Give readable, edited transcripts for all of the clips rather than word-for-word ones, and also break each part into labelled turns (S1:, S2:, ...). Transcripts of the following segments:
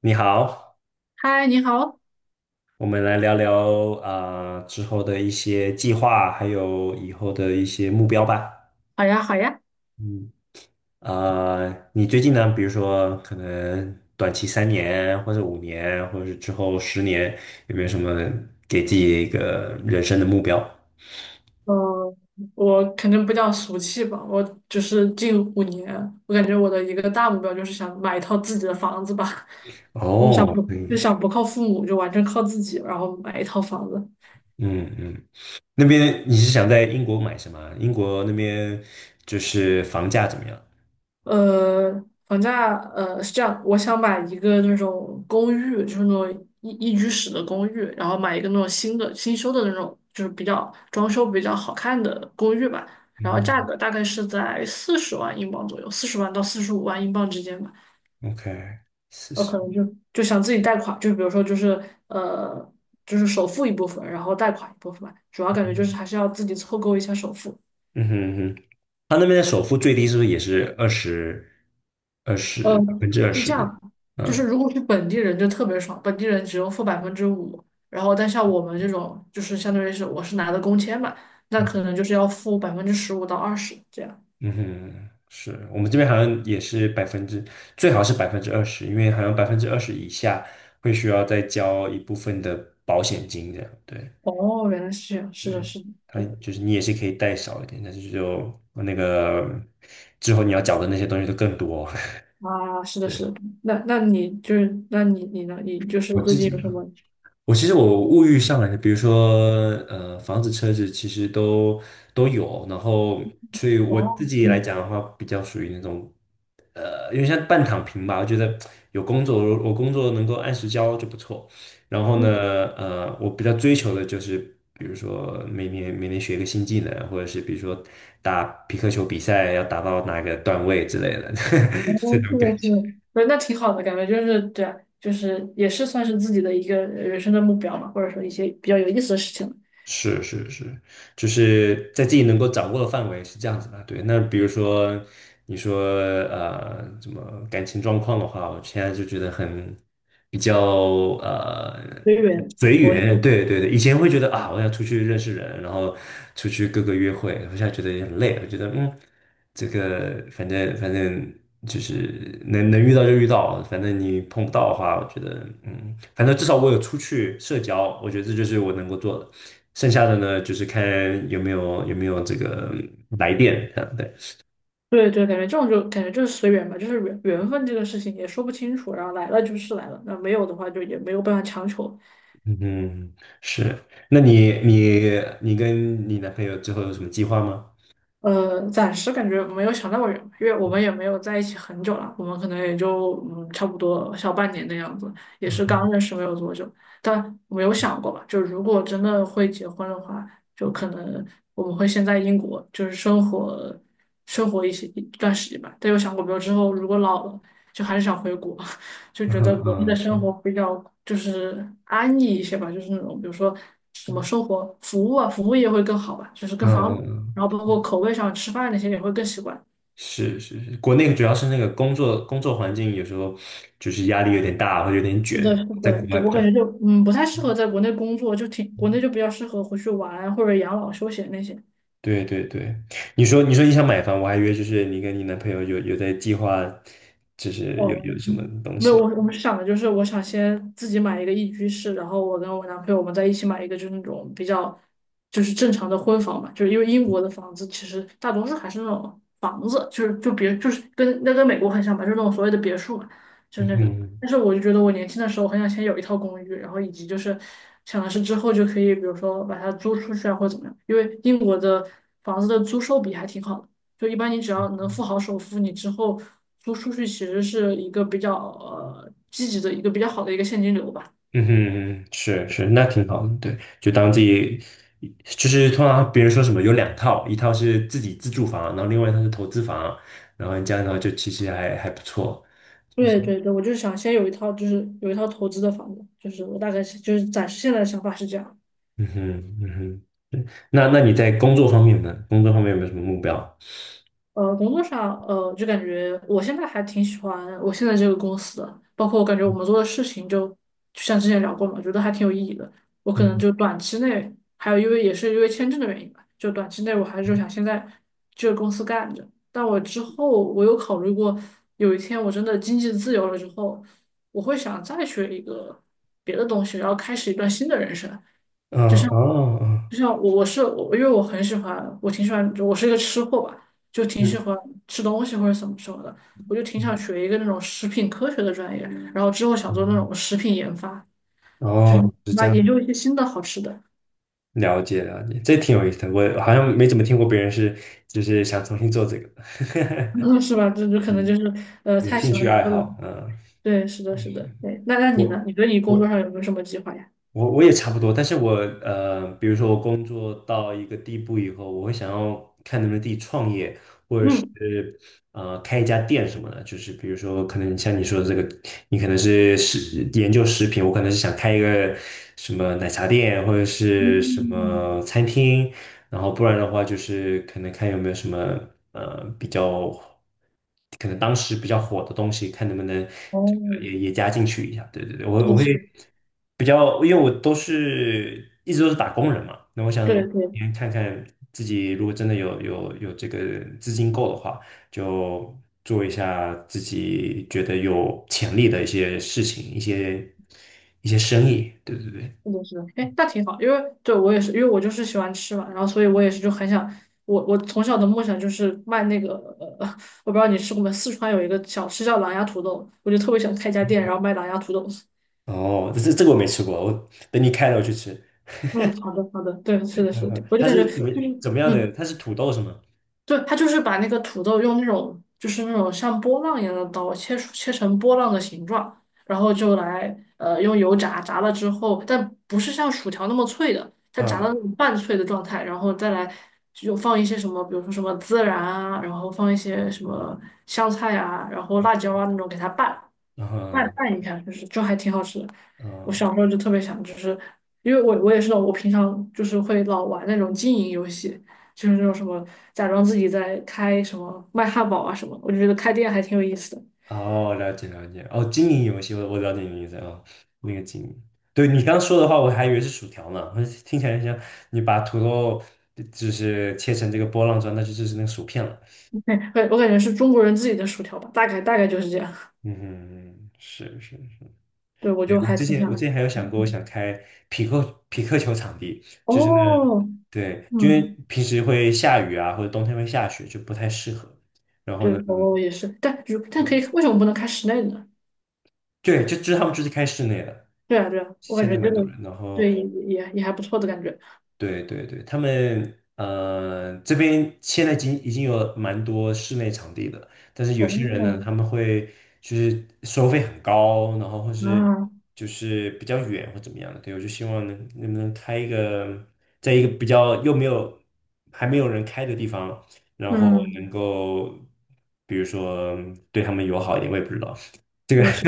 S1: 你好，
S2: 嗨，你好。
S1: 我们来聊聊啊，之后的一些计划，还有以后的一些目标吧。
S2: 好呀，好呀。
S1: 嗯，你最近呢，比如说可能短期3年，或者5年，或者是之后10年，有没有什么给自己一个人生的目标？
S2: 嗯，我肯定不气吧。我就是近五年，我感觉我的一个大目标就是想买一套自己的房子吧。就想
S1: 哦，
S2: 不就
S1: 嗯
S2: 想不靠父母，就完全靠自己，然后买一套房子。
S1: 嗯嗯，那边你是想在英国买什么？英国那边就是房价怎么样？
S2: 呃，房价是这样，我想买一个那种公寓，就是那种一居室的公寓，然后买一个那种新修的那种，就是比较装修比较好看的公寓吧。然后价
S1: 嗯
S2: 格大概是在四十万英镑左右，四十万到四十五万英镑之间吧。
S1: ，OK，四
S2: 我
S1: 十。
S2: 可能就想自己贷款，就比如说呃，就是首付一部分，然后贷款一部分吧。主要感觉就是还是要自己凑够一下首付。
S1: 嗯哼。他那边的首付最低是不是也是二十二
S2: 呃，
S1: 十百分之二
S2: 是这样
S1: 十？
S2: 的，就是
S1: 嗯。
S2: 如果是本地人就特别爽，本地人只用付百分之五，然后但像我们这种就是相当于是我是拿的工签嘛，那可能就是要付百分之十五到二十这样。
S1: 嗯哼，是我们这边好像也是百分之，最好是百分之二十，因为好像百分之二十以下会需要再交一部分的保险金这样。对。
S2: 哦，原来是这样，是的，
S1: 对，
S2: 是的。
S1: 他
S2: 对
S1: 就是你也是可以贷少一点，但是就那个之后你要缴的那些东西都更多。
S2: 啊，是 的，
S1: 对，
S2: 是的。那你就是那你呢？你就是
S1: 我
S2: 最
S1: 自
S2: 近
S1: 己
S2: 有什
S1: 嘛。
S2: 么？
S1: 我其实我物欲上来的，比如说房子、车子，其实都有。然后，所以我自
S2: 哦，
S1: 己来
S2: 嗯。
S1: 讲的话，比较属于那种有点像半躺平吧。我觉得有工作，我工作能够按时交就不错。然后呢，我比较追求的就是，比如说每年学一个新技能，或者是比如说打皮克球比赛要达到哪个段位之类的
S2: 嗯，
S1: 这种
S2: 是
S1: 感
S2: 的，是
S1: 觉。
S2: 的。对，那挺好的感觉，就是对啊，就是也是算是自己的一个人生的目标嘛，或者说一些比较有意思的事情。
S1: 是是是，就是在自己能够掌握的范围是这样子的。对，那比如说你说怎么感情状况的话，我现在就觉得很比较呃
S2: 随缘。
S1: 随
S2: 佛
S1: 缘。
S2: 系。
S1: 对对对，以前会觉得啊，我要出去认识人，然后出去各个约会，我现在觉得也很累。我觉得嗯，这个反正就是能遇到就遇到，反正你碰不到的话，我觉得嗯，反正至少我有出去社交，我觉得这就是我能够做的。剩下的呢，就是看有没有这个来电，这样对，
S2: 对对，感觉这种就感觉就是随缘吧，就是缘分这个事情也说不清楚，然后来了就是来了，那没有的话就也没有办法强求。
S1: 嗯，是。那你跟你男朋友之后有什么计划吗？
S2: 暂时感觉没有想那么远，因为我们也没有在一起很久了，我们可能也就差不多小半年的样子，也
S1: 嗯
S2: 是
S1: 哼。
S2: 刚认识没有多久，但没有想过吧，就如果真的会结婚的话，就可能我们会先在英国就是生活一段时间吧，但有想过没有之后如果老了，就还是想回国。就
S1: 嗯
S2: 觉得
S1: 哼。
S2: 国内
S1: 嗯，
S2: 的生
S1: 是。
S2: 活比较就是安逸一些吧，就是那种比如说什么
S1: 嗯。
S2: 生活服务啊，服务业会更好吧，就是
S1: 嗯。
S2: 更方便，
S1: 嗯。
S2: 然后包括口味上吃饭那些也会更习惯。
S1: 是是是，国内主要是那个工作环境有时候就是压力有点大，或者有点
S2: 是
S1: 卷，
S2: 的，是
S1: 在
S2: 的。
S1: 国外
S2: 对，
S1: 比
S2: 我
S1: 较
S2: 感
S1: 好。
S2: 觉就不太适合在国内工作，就挺国内就比较适合回去玩啊或者养老休闲那些。
S1: 对对对，你说你想买房，我还以为就是你跟你男朋友有在计划，就是
S2: 哦，
S1: 有什么东
S2: 没有，
S1: 西。
S2: 我们是想的就是，我想先自己买一个一居室，然后我跟我男朋友我们在一起买一个，就是那种比较就是正常的婚房嘛，就是因为英国的房子其实大多数还是那种房子，就是跟跟美国很像吧，就是那种所谓的别墅嘛，就是那种。
S1: 嗯。
S2: 但是我就觉得我年轻的时候很想先有一套公寓，然后以及就是想的是之后就可以，比如说把它租出去啊，或者怎么样，因为英国的房子的租售比还挺好的。就一般你只要能付好首付，你之后租出去其实是一个比较积极的一个比较好的一个现金流吧。
S1: 嗯哼，是是，那挺好的，对，就当自己，就是通常别人说什么有两套，一套是自己自住房，然后另外一套是投资房，然后你这样的话就其实还不错。
S2: 对对对，我就是想先有一套，就是有一套投资的房子，就是我大概是就是暂时现在的想法是这样。
S1: 嗯哼。嗯哼，对，那那你在工作方面呢？工作方面有没有什么目标？
S2: 工作上，就感觉我现在还挺喜欢我现在这个公司的，包括我感觉我们做的事情就像之前聊过嘛，觉得还挺有意义的。我可能
S1: 嗯，
S2: 就短期内，还有因为也是因为签证的原因吧，就短期内我还是就想现在这个公司干着。但我之后我有考虑过，有一天我真的经济自由了之后，我会想再学一个别的东西，然后开始一段新的人生。就
S1: 啊
S2: 像
S1: 哦。哦。
S2: 就像我我是我，因为我很喜欢，我挺喜欢，我是一个吃货吧，就挺喜
S1: 嗯。
S2: 欢吃东西或者怎么什么的，我就挺
S1: 嗯。
S2: 想学一个那种食品科学的专业，然后之后想做那
S1: 嗯，
S2: 种食品研发，就是
S1: 哦，是这
S2: 那研
S1: 样，
S2: 究一些新的好吃的。
S1: 了解了解，这挺有意思的，我好像没怎么听过别人是就是想重新做这个，
S2: 嗯，是吧？这 就可能
S1: 是
S2: 就是
S1: 有
S2: 太
S1: 兴
S2: 喜
S1: 趣
S2: 欢
S1: 爱
S2: 吃了。
S1: 好，嗯。
S2: 对，是的，是的。对。那你呢？
S1: 我
S2: 你对你工作
S1: 我
S2: 上有没有什么计划呀？
S1: 我我也差不多，但是我比如说我工作到一个地步以后，我会想要看能不能自己创业，或者是
S2: 嗯
S1: 开一家店什么的。就是比如说，可能像你说的这个，你可能是研究食品，我可能是想开一个什么奶茶店或者是什
S2: 嗯。
S1: 么餐厅，然后不然的话就是可能看有没有什么比较可能当时比较火的东西，看能不能这
S2: 哦，
S1: 个也加进去一下。对对对，
S2: 是
S1: 我
S2: 的，
S1: 会
S2: 是的。
S1: 比较，因为我都是一直都是打工人嘛，那我想
S2: 对对。
S1: 先看看自己如果真的有这个资金够的话，就做一下自己觉得有潜力的一些事情，一些生意。对对对。
S2: 是的，是的。哎，那挺好，因为对我也是，因为我就是喜欢吃嘛，然后所以我也是就很想，我我从小的梦想就是卖那个，呃，我不知道你吃过没，四川有一个小吃叫狼牙土豆，我就特别想开一家店，然后卖狼牙土豆。
S1: 哦，这个我没吃过，我等你开了我去吃。
S2: 嗯，好的，好的。对，是的，是的。
S1: 嗯，
S2: 对我就
S1: 它
S2: 感觉就
S1: 是
S2: 是，
S1: 怎么样的？
S2: 嗯。
S1: 它是土豆是吗？
S2: 对，他就是把那个土豆用那种就是那种像波浪一样的刀切成波浪的形状，然后就来用油炸，炸了之后，但不是像薯条那么脆的，它炸到那
S1: 嗯。
S2: 种半脆的状态，然后再来就放一些什么，比如说什么孜然啊，然后放一些什么香菜啊，然后辣椒啊那种给它拌，拌
S1: 嗯。
S2: 拌一下，就是就还挺好吃的。
S1: 嗯，
S2: 我小时候就特别想，就是因为我也是那种我平常就是会老玩那种经营游戏，就是那种什么假装自己在开什么卖汉堡啊什么我就觉得开店还挺有意思的。
S1: 哦，了解了解。哦，经营游戏，我了解你的意思啊、哦，那个经营。对你刚说的话，我还以为是薯条呢，我听起来像你把土豆就是切成这个波浪状，那就是那个薯片了。
S2: 对，我感觉是中国人自己的薯条吧，大概大概就是这样。
S1: 嗯，是是是。
S2: 对，我
S1: 对，
S2: 就还挺想。
S1: 我之前还有
S2: 嗯
S1: 想过，我
S2: 嗯。
S1: 想开匹克球场地，就是那。
S2: 哦。
S1: 对，因为
S2: 嗯。
S1: 平时会下雨啊，或者冬天会下雪，就不太适合。然后
S2: 对。
S1: 呢？
S2: 哦也是，但如但可
S1: 嗯。
S2: 以，为什么不能开室内的呢？
S1: 对，就是他们就是开室内的，
S2: 对啊，对啊，我感
S1: 现在
S2: 觉这
S1: 蛮
S2: 个
S1: 多人。然后，
S2: 对也还不错的感觉。
S1: 对对对，他们这边现在已经有蛮多室内场地的，但是有些人呢，
S2: 哦。
S1: 他们会就是收费很高，然后或是
S2: 啊。
S1: 就是比较远或怎么样的。对，我就希望能不能开一个，在一个比较又没有还没有人开的地方，然后能
S2: 嗯。
S1: 够比如说对他们友好一点，我也不知道。这
S2: 是
S1: 个。
S2: 的，是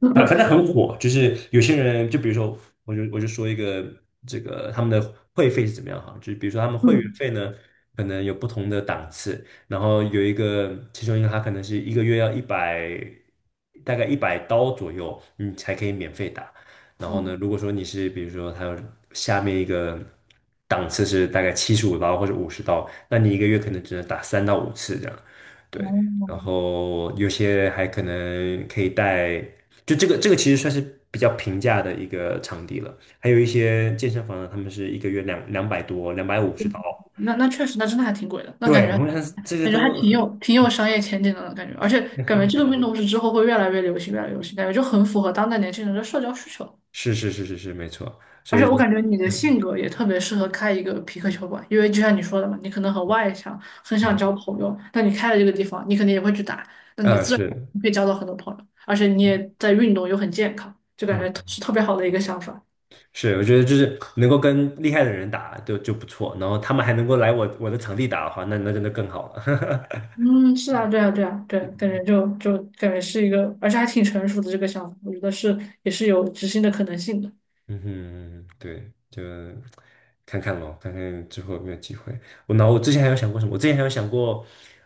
S2: 的。
S1: 啊，反正 很火，就是有些人，就比如说，我就说一个这个他们的会费是怎么样哈，就是比如说他们会员
S2: 嗯
S1: 费呢，可能有不同的档次，然后有一个其中一个他可能是一个月要一百，大概$100左右，你才可以免费打。然后呢，
S2: 嗯。
S1: 如果说你是比如说还有下面一个档次是大概$75或者五十刀，那你一个月可能只能打3到5次这样，对。
S2: 哦，
S1: 然后有些还可能可以带。就这个其实算是比较平价的一个场地了。还有一些健身房呢，他们是一个月两百多，$250。
S2: 那确实，那真的还挺贵的。那感觉
S1: 对，我想这个
S2: 感觉还
S1: 都
S2: 挺有挺有商业前景的呢，感觉，而且
S1: 很
S2: 感觉
S1: 疯
S2: 这个
S1: 狂。
S2: 运动是之后会越来越流行，越来越流行，感觉就很符合当代年轻人的社交需求。
S1: 是是是是是，没错。所
S2: 而且
S1: 以
S2: 我
S1: 就
S2: 感觉你的性格也特别适合开一个皮克球馆，因为就像你说的嘛，你可能很外向，很想交
S1: 嗯
S2: 朋友，那你开了这个地方，你肯定也会去打，那你自然
S1: 是
S2: 会交到很多朋友，而且你也在运动又很健康，就感觉
S1: 嗯
S2: 是特别好的一个想法。
S1: 是，我觉得就是能够跟厉害的人打就不错，然后他们还能够来我的场地打的话，那那真的更好了。
S2: 嗯，是啊，对啊，对啊。对，感觉就就感觉是一个，而且还挺成熟的这个想法，我觉得是也是有执行的可能性的。
S1: 嗯哼，对，就看看咯，看看之后有没有机会。我之前还有想过什么？我之前还有想过，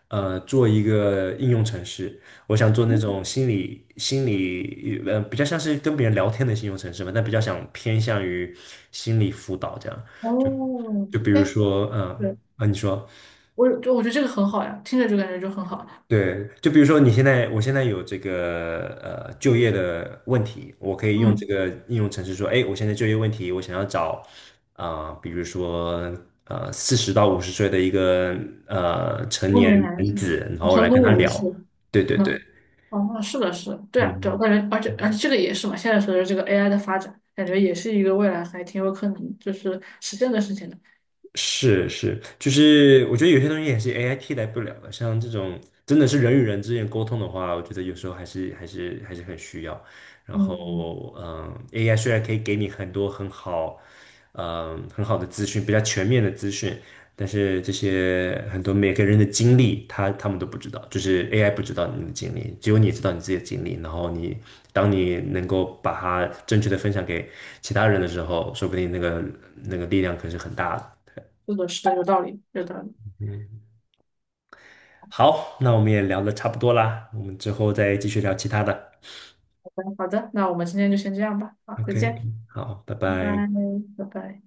S1: 做一个应用程式。我想做那种心理，比较像是跟别人聊天的应用程式嘛，但比较想偏向于心理辅导这样。就
S2: 哦，
S1: 就比如
S2: 哎。
S1: 说，
S2: 对，
S1: 你说。
S2: 我就我觉得这个很好呀，听着就感觉就很好。
S1: 对，就比如说你现在，我现在有这个就业的问题，我可以用这
S2: 嗯，
S1: 个应用程式说，哎，我现在就业问题，我想要找比如说40到50岁的一个成
S2: 中
S1: 年
S2: 年男
S1: 男
S2: 性，
S1: 子，然后
S2: 成
S1: 来跟
S2: 功
S1: 他
S2: 人士。
S1: 聊。对对
S2: 嗯。
S1: 对，
S2: 哦，那是的，是的。对啊，对啊，我
S1: 嗯。
S2: 感觉，而且这个也是嘛，现在随着这个 AI 的发展，感觉也是一个未来还挺有可能就是实现的事情的。
S1: 是是，就是我觉得有些东西也是 AI 替代不了的，像这种真的是人与人之间沟通的话，我觉得有时候还是很需要。然
S2: 嗯，
S1: 后，嗯，AI 虽然可以给你很多很好，嗯，很好的资讯，比较全面的资讯，但是这些很多每个人的经历，他们都不知道，就是 AI 不知道你的经历，只有你知道你自己的经历。然后你当你能够把它正确的分享给其他人的时候，说不定那个力量可是很大的。
S2: 是的，是的。有道理，有道理。
S1: 嗯，好，那我们也聊得差不多啦，我们之后再继续聊其他的。
S2: 好的，好的，那我们今天就先这样吧。好，再
S1: OK，
S2: 见。
S1: 好，拜
S2: 拜
S1: 拜。
S2: 拜，拜拜。